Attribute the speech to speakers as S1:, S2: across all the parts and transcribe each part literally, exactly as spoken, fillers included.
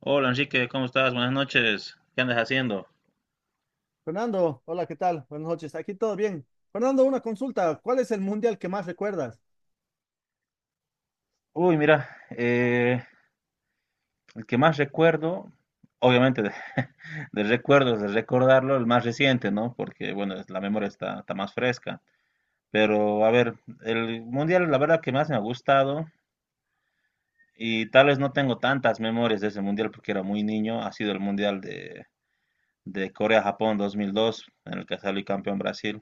S1: Hola Enrique, ¿cómo estás? Buenas noches. ¿Qué andas haciendo?
S2: Fernando, hola, ¿qué tal? Buenas noches. Aquí todo bien. Fernando, una consulta. ¿Cuál es el mundial que más recuerdas?
S1: Uy, mira, eh, el que más recuerdo, obviamente de, de recuerdos, de recordarlo, el más reciente, ¿no? Porque, bueno, es- la memoria está, está más fresca. Pero, a ver, el mundial, la verdad que más me ha gustado, y tal vez no tengo tantas memorias de ese mundial porque era muy niño, ha sido el mundial de, de, Corea-Japón dos mil dos, en el que salió campeón Brasil.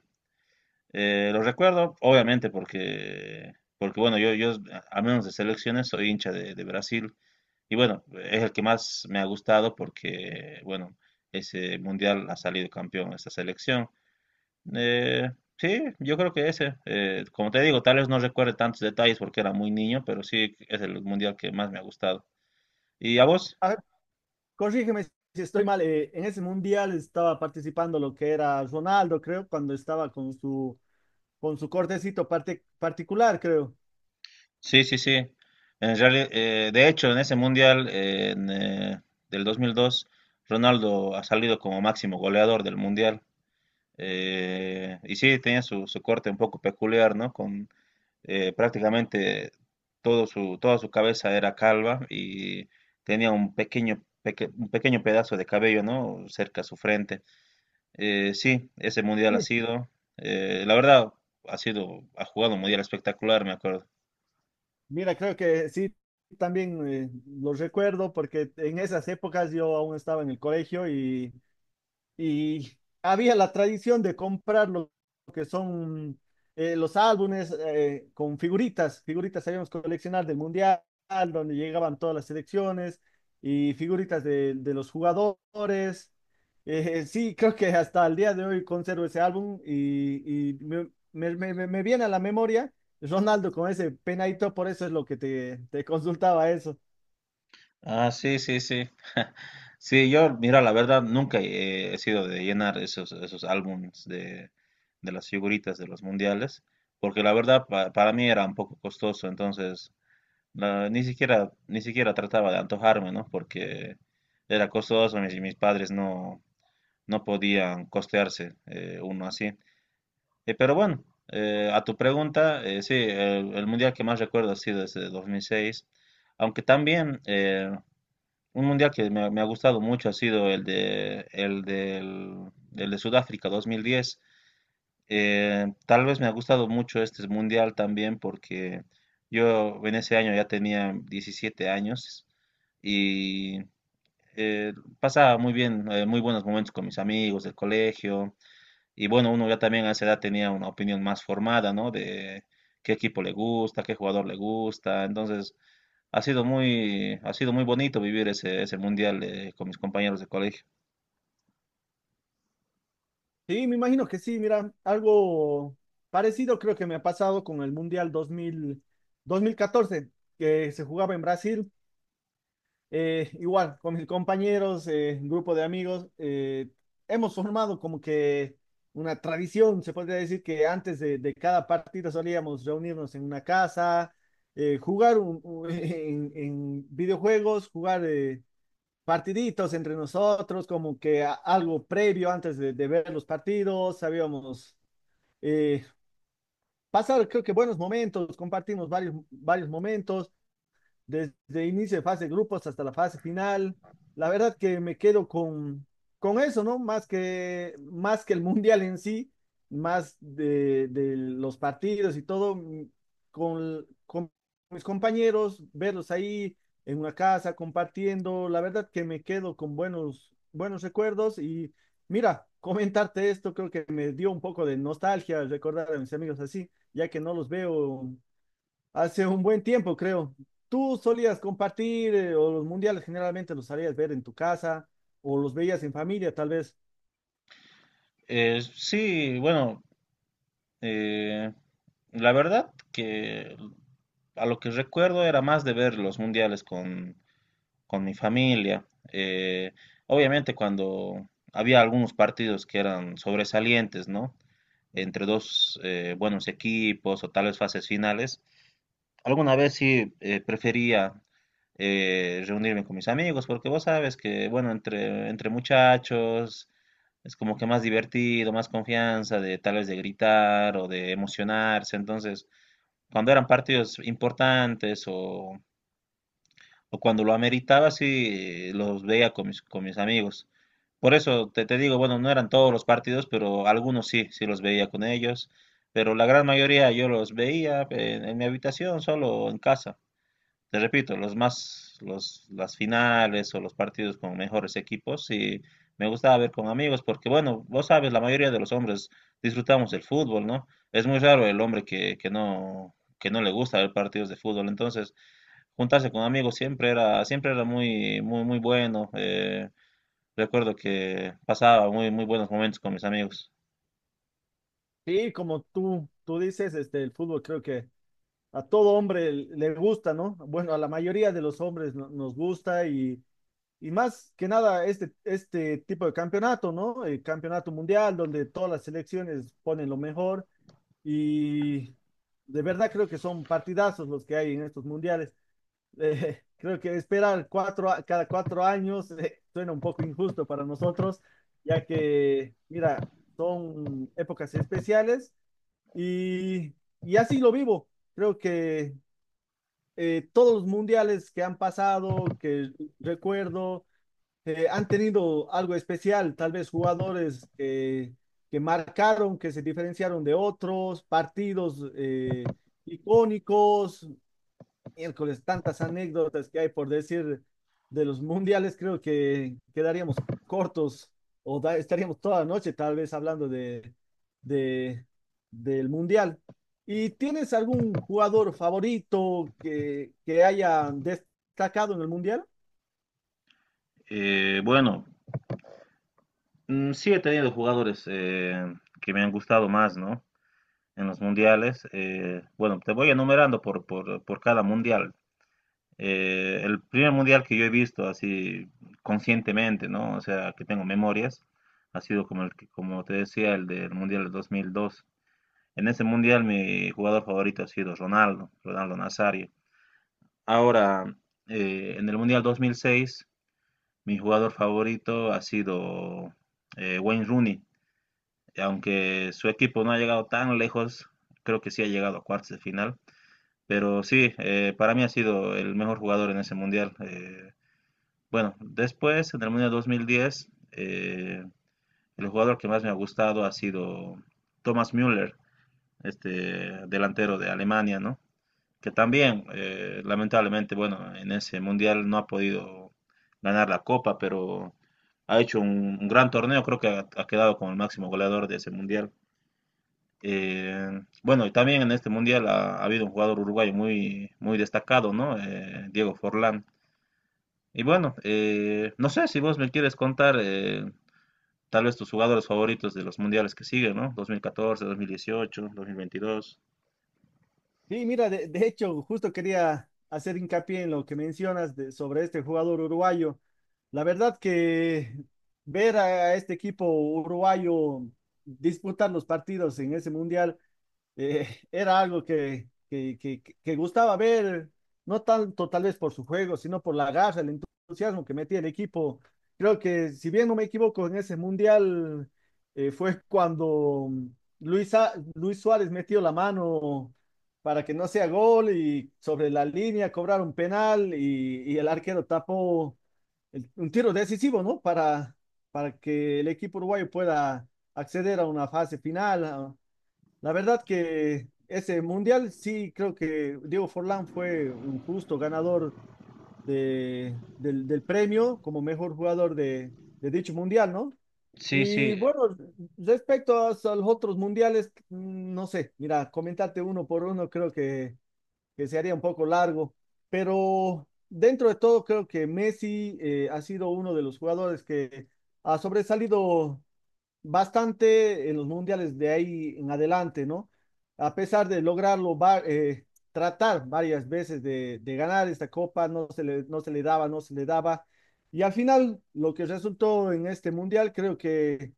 S1: Eh, lo recuerdo, obviamente, porque, porque, bueno, yo, yo, a menos de selecciones, soy hincha de, de Brasil. Y bueno, es el que más me ha gustado porque, bueno, ese mundial ha salido campeón esta selección. Eh, sí, yo creo que ese. eh, Como te digo, tal vez no recuerde tantos detalles porque era muy niño, pero sí es el mundial que más me ha gustado. ¿Y a vos?
S2: A ver, corrígeme si estoy mal. Eh, en ese mundial estaba participando lo que era Ronaldo, creo, cuando estaba con su, con su cortecito parte- particular, creo.
S1: Sí, sí, sí. En reali- eh, de hecho, en ese mundial eh, en, eh, del dos mil dos, Ronaldo ha salido como máximo goleador del mundial. Eh, y sí, tenía su, su corte un poco peculiar, ¿no? Con eh, prácticamente todo su, toda su cabeza era calva y tenía un pequeño, peque- un pequeño pedazo de cabello, ¿no? Cerca a su frente. Eh, sí, ese mundial ha
S2: Sí.
S1: sido, eh, la verdad, ha sido, ha jugado un mundial espectacular, me acuerdo.
S2: Mira, creo que sí, también eh, lo recuerdo porque en esas épocas yo aún estaba en el colegio y y había la tradición de comprar lo que son eh, los álbumes eh, con figuritas, figuritas sabíamos coleccionar del Mundial, donde llegaban todas las selecciones y figuritas de, de los jugadores. Eh, sí, creo que hasta el día de hoy conservo ese álbum y, y me, me- me- me viene a la memoria Ronaldo con ese penadito, por eso es lo que te, te consultaba eso.
S1: Ah, sí, sí, sí. Sí, yo, mira, la verdad, nunca he, he sido de llenar esos, esos álbumes de, de las figuritas de los mundiales, porque la verdad pa- para mí era un poco costoso, entonces la- ni siquiera, ni siquiera trataba de antojarme, ¿no? Porque era costoso, mis, mis padres no, no podían costearse eh, uno así. Eh, pero bueno, eh, a tu pregunta, eh, sí, el, el mundial que más recuerdo ha sido desde dos mil seis, aunque también... eh, un mundial que me, ha me ha gustado mucho ha sido el de, el del, el de Sudáfrica dos mil diez. Eh, tal vez me ha gustado mucho este mundial también porque yo en ese año ya tenía diecisiete años y eh, pasaba muy bien, eh, muy buenos momentos con mis amigos del colegio. Y bueno, uno ya también a esa edad tenía una opinión más formada, ¿no? De qué equipo le gusta, qué jugador le gusta. Entonces, ha sido muy, ha sido muy bonito vivir ese, ese mundial eh, con mis compañeros de colegio.
S2: Sí, me imagino que sí, mira, algo parecido creo que me ha pasado con el Mundial dos dos mil dos mil catorce que se jugaba en Brasil. Eh, igual, con mis compañeros, eh, grupo de amigos, eh, hemos formado como que una tradición, se podría decir que antes de, de cada partido solíamos reunirnos en una casa, eh, jugar un- un- en, en videojuegos, jugar... eh, partiditos entre nosotros, como que algo previo antes de, de ver los partidos, sabíamos eh, pasar, creo que buenos momentos, compartimos varios, varios momentos desde inicio de fase de grupos hasta la fase final. La verdad que me quedo con, con eso, ¿no? Más que, más que el mundial en sí, más de, de los partidos y todo, con, con mis compañeros, verlos ahí en una casa compartiendo. La verdad que me quedo con buenos, buenos recuerdos y mira, comentarte esto creo que me dio un poco de nostalgia recordar a mis amigos así, ya que no los veo hace un buen tiempo, creo. ¿Tú solías compartir eh, o los mundiales generalmente los sabías ver en tu casa o los veías en familia, tal vez?
S1: Eh, sí, bueno, eh, la verdad que a lo que recuerdo era más de ver los mundiales con, con, mi familia. Eh, Obviamente cuando había algunos partidos que eran sobresalientes, ¿no? Entre dos eh, buenos equipos o tal vez fases finales. Alguna vez sí eh, prefería eh, reunirme con mis amigos, porque vos sabes que, bueno, entre, entre muchachos es como que más divertido, más confianza de tal vez de gritar o de emocionarse. Entonces, cuando eran partidos importantes o, o cuando lo ameritaba, sí los veía con mis, con mis amigos. Por eso te, te digo, bueno, no eran todos los partidos, pero algunos sí, sí los veía con ellos. Pero la gran mayoría yo los veía en en mi habitación, solo en casa. Te repito, los más, los, las finales o los partidos con mejores equipos, y me gustaba ver con amigos, porque bueno, vos sabes, la mayoría de los hombres disfrutamos del fútbol, ¿no? Es muy raro el hombre que, que no, que no le gusta ver partidos de fútbol. Entonces, juntarse con amigos siempre era, siempre era muy, muy, muy bueno. Eh, recuerdo que pasaba muy, muy buenos momentos con mis amigos.
S2: Sí, como tú, tú dices, este, el fútbol creo que a todo hombre le gusta, ¿no? Bueno, a la mayoría de los hombres no- nos gusta y, y más que nada este, este tipo de campeonato, ¿no? El campeonato mundial donde todas las selecciones ponen lo mejor y de verdad creo que son partidazos los que hay en estos mundiales. Eh, creo que esperar cuatro, a- cada cuatro años eh, suena un poco injusto para nosotros, ya que, mira, son épocas especiales y, y así lo vivo. Creo que eh, todos los mundiales que han pasado, que recuerdo, eh, han tenido algo especial, tal vez jugadores que, que marcaron, que se diferenciaron de otros, partidos eh, icónicos, miércoles, tantas anécdotas que hay por decir de los mundiales, creo que quedaríamos cortos o da- estaríamos toda la noche tal vez hablando de, de, del mundial. ¿Y tienes algún jugador favorito que, que haya destacado en el mundial?
S1: Eh, bueno, mm, sí he tenido jugadores eh, que me han gustado más, ¿no? En los mundiales. Eh, bueno, te voy enumerando por, por, por cada mundial. Eh, el primer mundial que yo he visto así conscientemente, ¿no? O sea, que tengo memorias, ha sido como el que, como te decía, el del mundial del dos mil dos. En ese mundial mi jugador favorito ha sido Ronaldo, Ronaldo Nazario. Ahora, eh, en el mundial dos mil seis, mi jugador favorito ha sido eh, Wayne Rooney. Aunque su equipo no ha llegado tan lejos, creo que sí ha llegado a cuartos de final. Pero sí, eh, para mí ha sido el mejor jugador en ese mundial. Eh, bueno, después, en el Mundial dos mil diez, eh, el jugador que más me ha gustado ha sido Thomas Müller, este delantero de Alemania, ¿no? Que también, eh, lamentablemente, bueno, en ese mundial no ha podido ganar la copa, pero ha hecho un, un gran torneo, creo que ha, ha quedado como el máximo goleador de ese mundial. Eh, bueno, y también en este mundial ha, ha habido un jugador uruguayo muy, muy destacado, ¿no? Eh, Diego Forlán. Y bueno, eh, no sé si vos me quieres contar eh, tal vez tus jugadores favoritos de los mundiales que siguen, ¿no? dos mil catorce, dos mil dieciocho, dos mil veintidós.
S2: Sí, mira, de, de hecho, justo quería hacer hincapié en lo que mencionas de- sobre este jugador uruguayo. La verdad que ver a, a este equipo uruguayo disputar los partidos en ese mundial eh, era algo que, que, que, que gustaba ver, no tanto tal vez por su juego, sino por la garra, el entusiasmo que metía el equipo. Creo que, si bien no me equivoco, en ese mundial eh, fue cuando Luis, Sa- Luis Suárez metió la mano para que no sea gol y sobre la línea cobraron penal y, y el arquero tapó el- un tiro decisivo, ¿no? Para, para que el equipo uruguayo pueda acceder a una fase final, a, la verdad que ese mundial sí creo que Diego Forlán fue un justo ganador de, del, del premio como mejor jugador de, de dicho mundial, ¿no?
S1: Sí,
S2: Y
S1: sí,
S2: bueno, respecto a, a los otros mundiales, mm, no sé, mira, comentarte uno por uno creo que, que se haría un poco largo, pero dentro de todo creo que Messi eh, ha sido uno de los jugadores que ha sobresalido bastante en los mundiales de ahí en adelante, ¿no? A pesar de lograrlo, va- eh, tratar varias veces de, de ganar esta copa, no se le, no se le daba, no se le daba. Y al final, lo que resultó en este mundial, creo que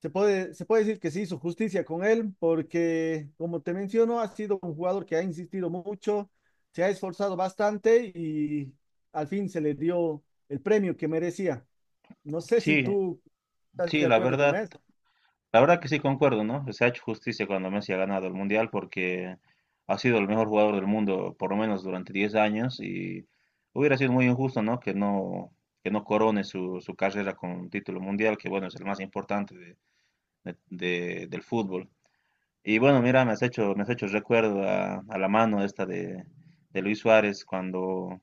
S2: se puede, se puede decir que se hizo justicia con él, porque, como te menciono, ha sido un jugador que ha insistido mucho, se ha esforzado bastante y al fin se le dio el premio que merecía. No sé si
S1: sí,
S2: tú estás
S1: sí,
S2: de
S1: la
S2: acuerdo con
S1: verdad.
S2: eso.
S1: La verdad que sí concuerdo, ¿no? Se ha hecho justicia cuando Messi ha ganado el Mundial porque ha sido el mejor jugador del mundo por lo menos durante diez años y hubiera sido muy injusto, ¿no? Que no, que no corone su, su carrera con un título mundial, que bueno, es el más importante de- de- de- del fútbol. Y bueno, mira, me has hecho, me has hecho recuerdo a, a la mano esta de, de, Luis Suárez cuando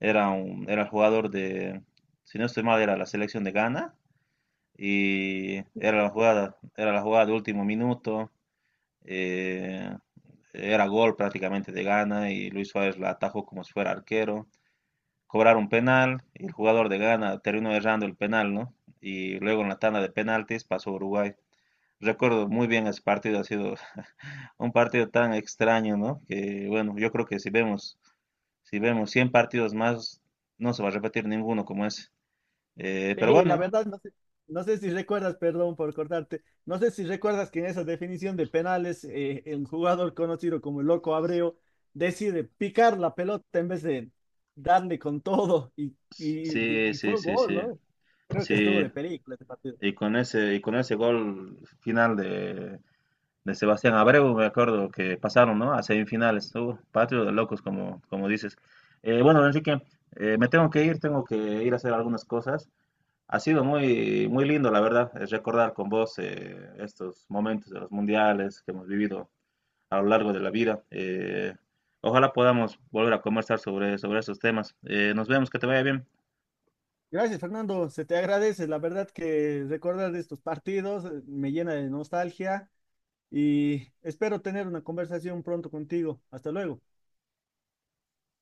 S1: era un, era jugador de, si no estoy mal, era la selección de Ghana y era la jugada, era la jugada de último minuto, eh, era gol prácticamente de Ghana y Luis Suárez la atajó como si fuera arquero. Cobraron un penal y el jugador de Ghana terminó errando el penal, ¿no? Y luego en la tanda de penaltis pasó Uruguay. Recuerdo muy bien ese partido, ha sido un partido tan extraño, ¿no? Que bueno, yo creo que si vemos, si vemos cien partidos más, no se va a repetir ninguno como ese. Eh, pero
S2: Sí, la
S1: bueno, ¿no?
S2: verdad, no sé, no sé si recuerdas, perdón por cortarte, no sé si recuerdas que en esa definición de penales, eh, el jugador conocido como el Loco Abreu decide picar la pelota en vez de darle con todo y,
S1: Sí,
S2: y, y
S1: sí,
S2: fue
S1: sí,
S2: gol,
S1: sí.
S2: ¿no? Creo que estuvo
S1: Sí,
S2: de película este partido.
S1: Y con ese, y con ese gol final de, de, Sebastián Abreu, me acuerdo que pasaron, ¿no? A semifinales. Uh, patrio de locos, como, como dices. Eh, bueno, Enrique, eh, me tengo que ir, tengo que ir a hacer algunas cosas. Ha sido muy, muy lindo, la verdad, es recordar con vos eh, estos momentos de los mundiales que hemos vivido a lo largo de la vida. Eh, ojalá podamos volver a conversar sobre, sobre esos temas. Eh, nos vemos, que te vaya bien.
S2: Gracias, Fernando, se te agradece. La verdad que recordar de estos partidos eh, me llena de nostalgia y espero tener una conversación pronto contigo. Hasta luego.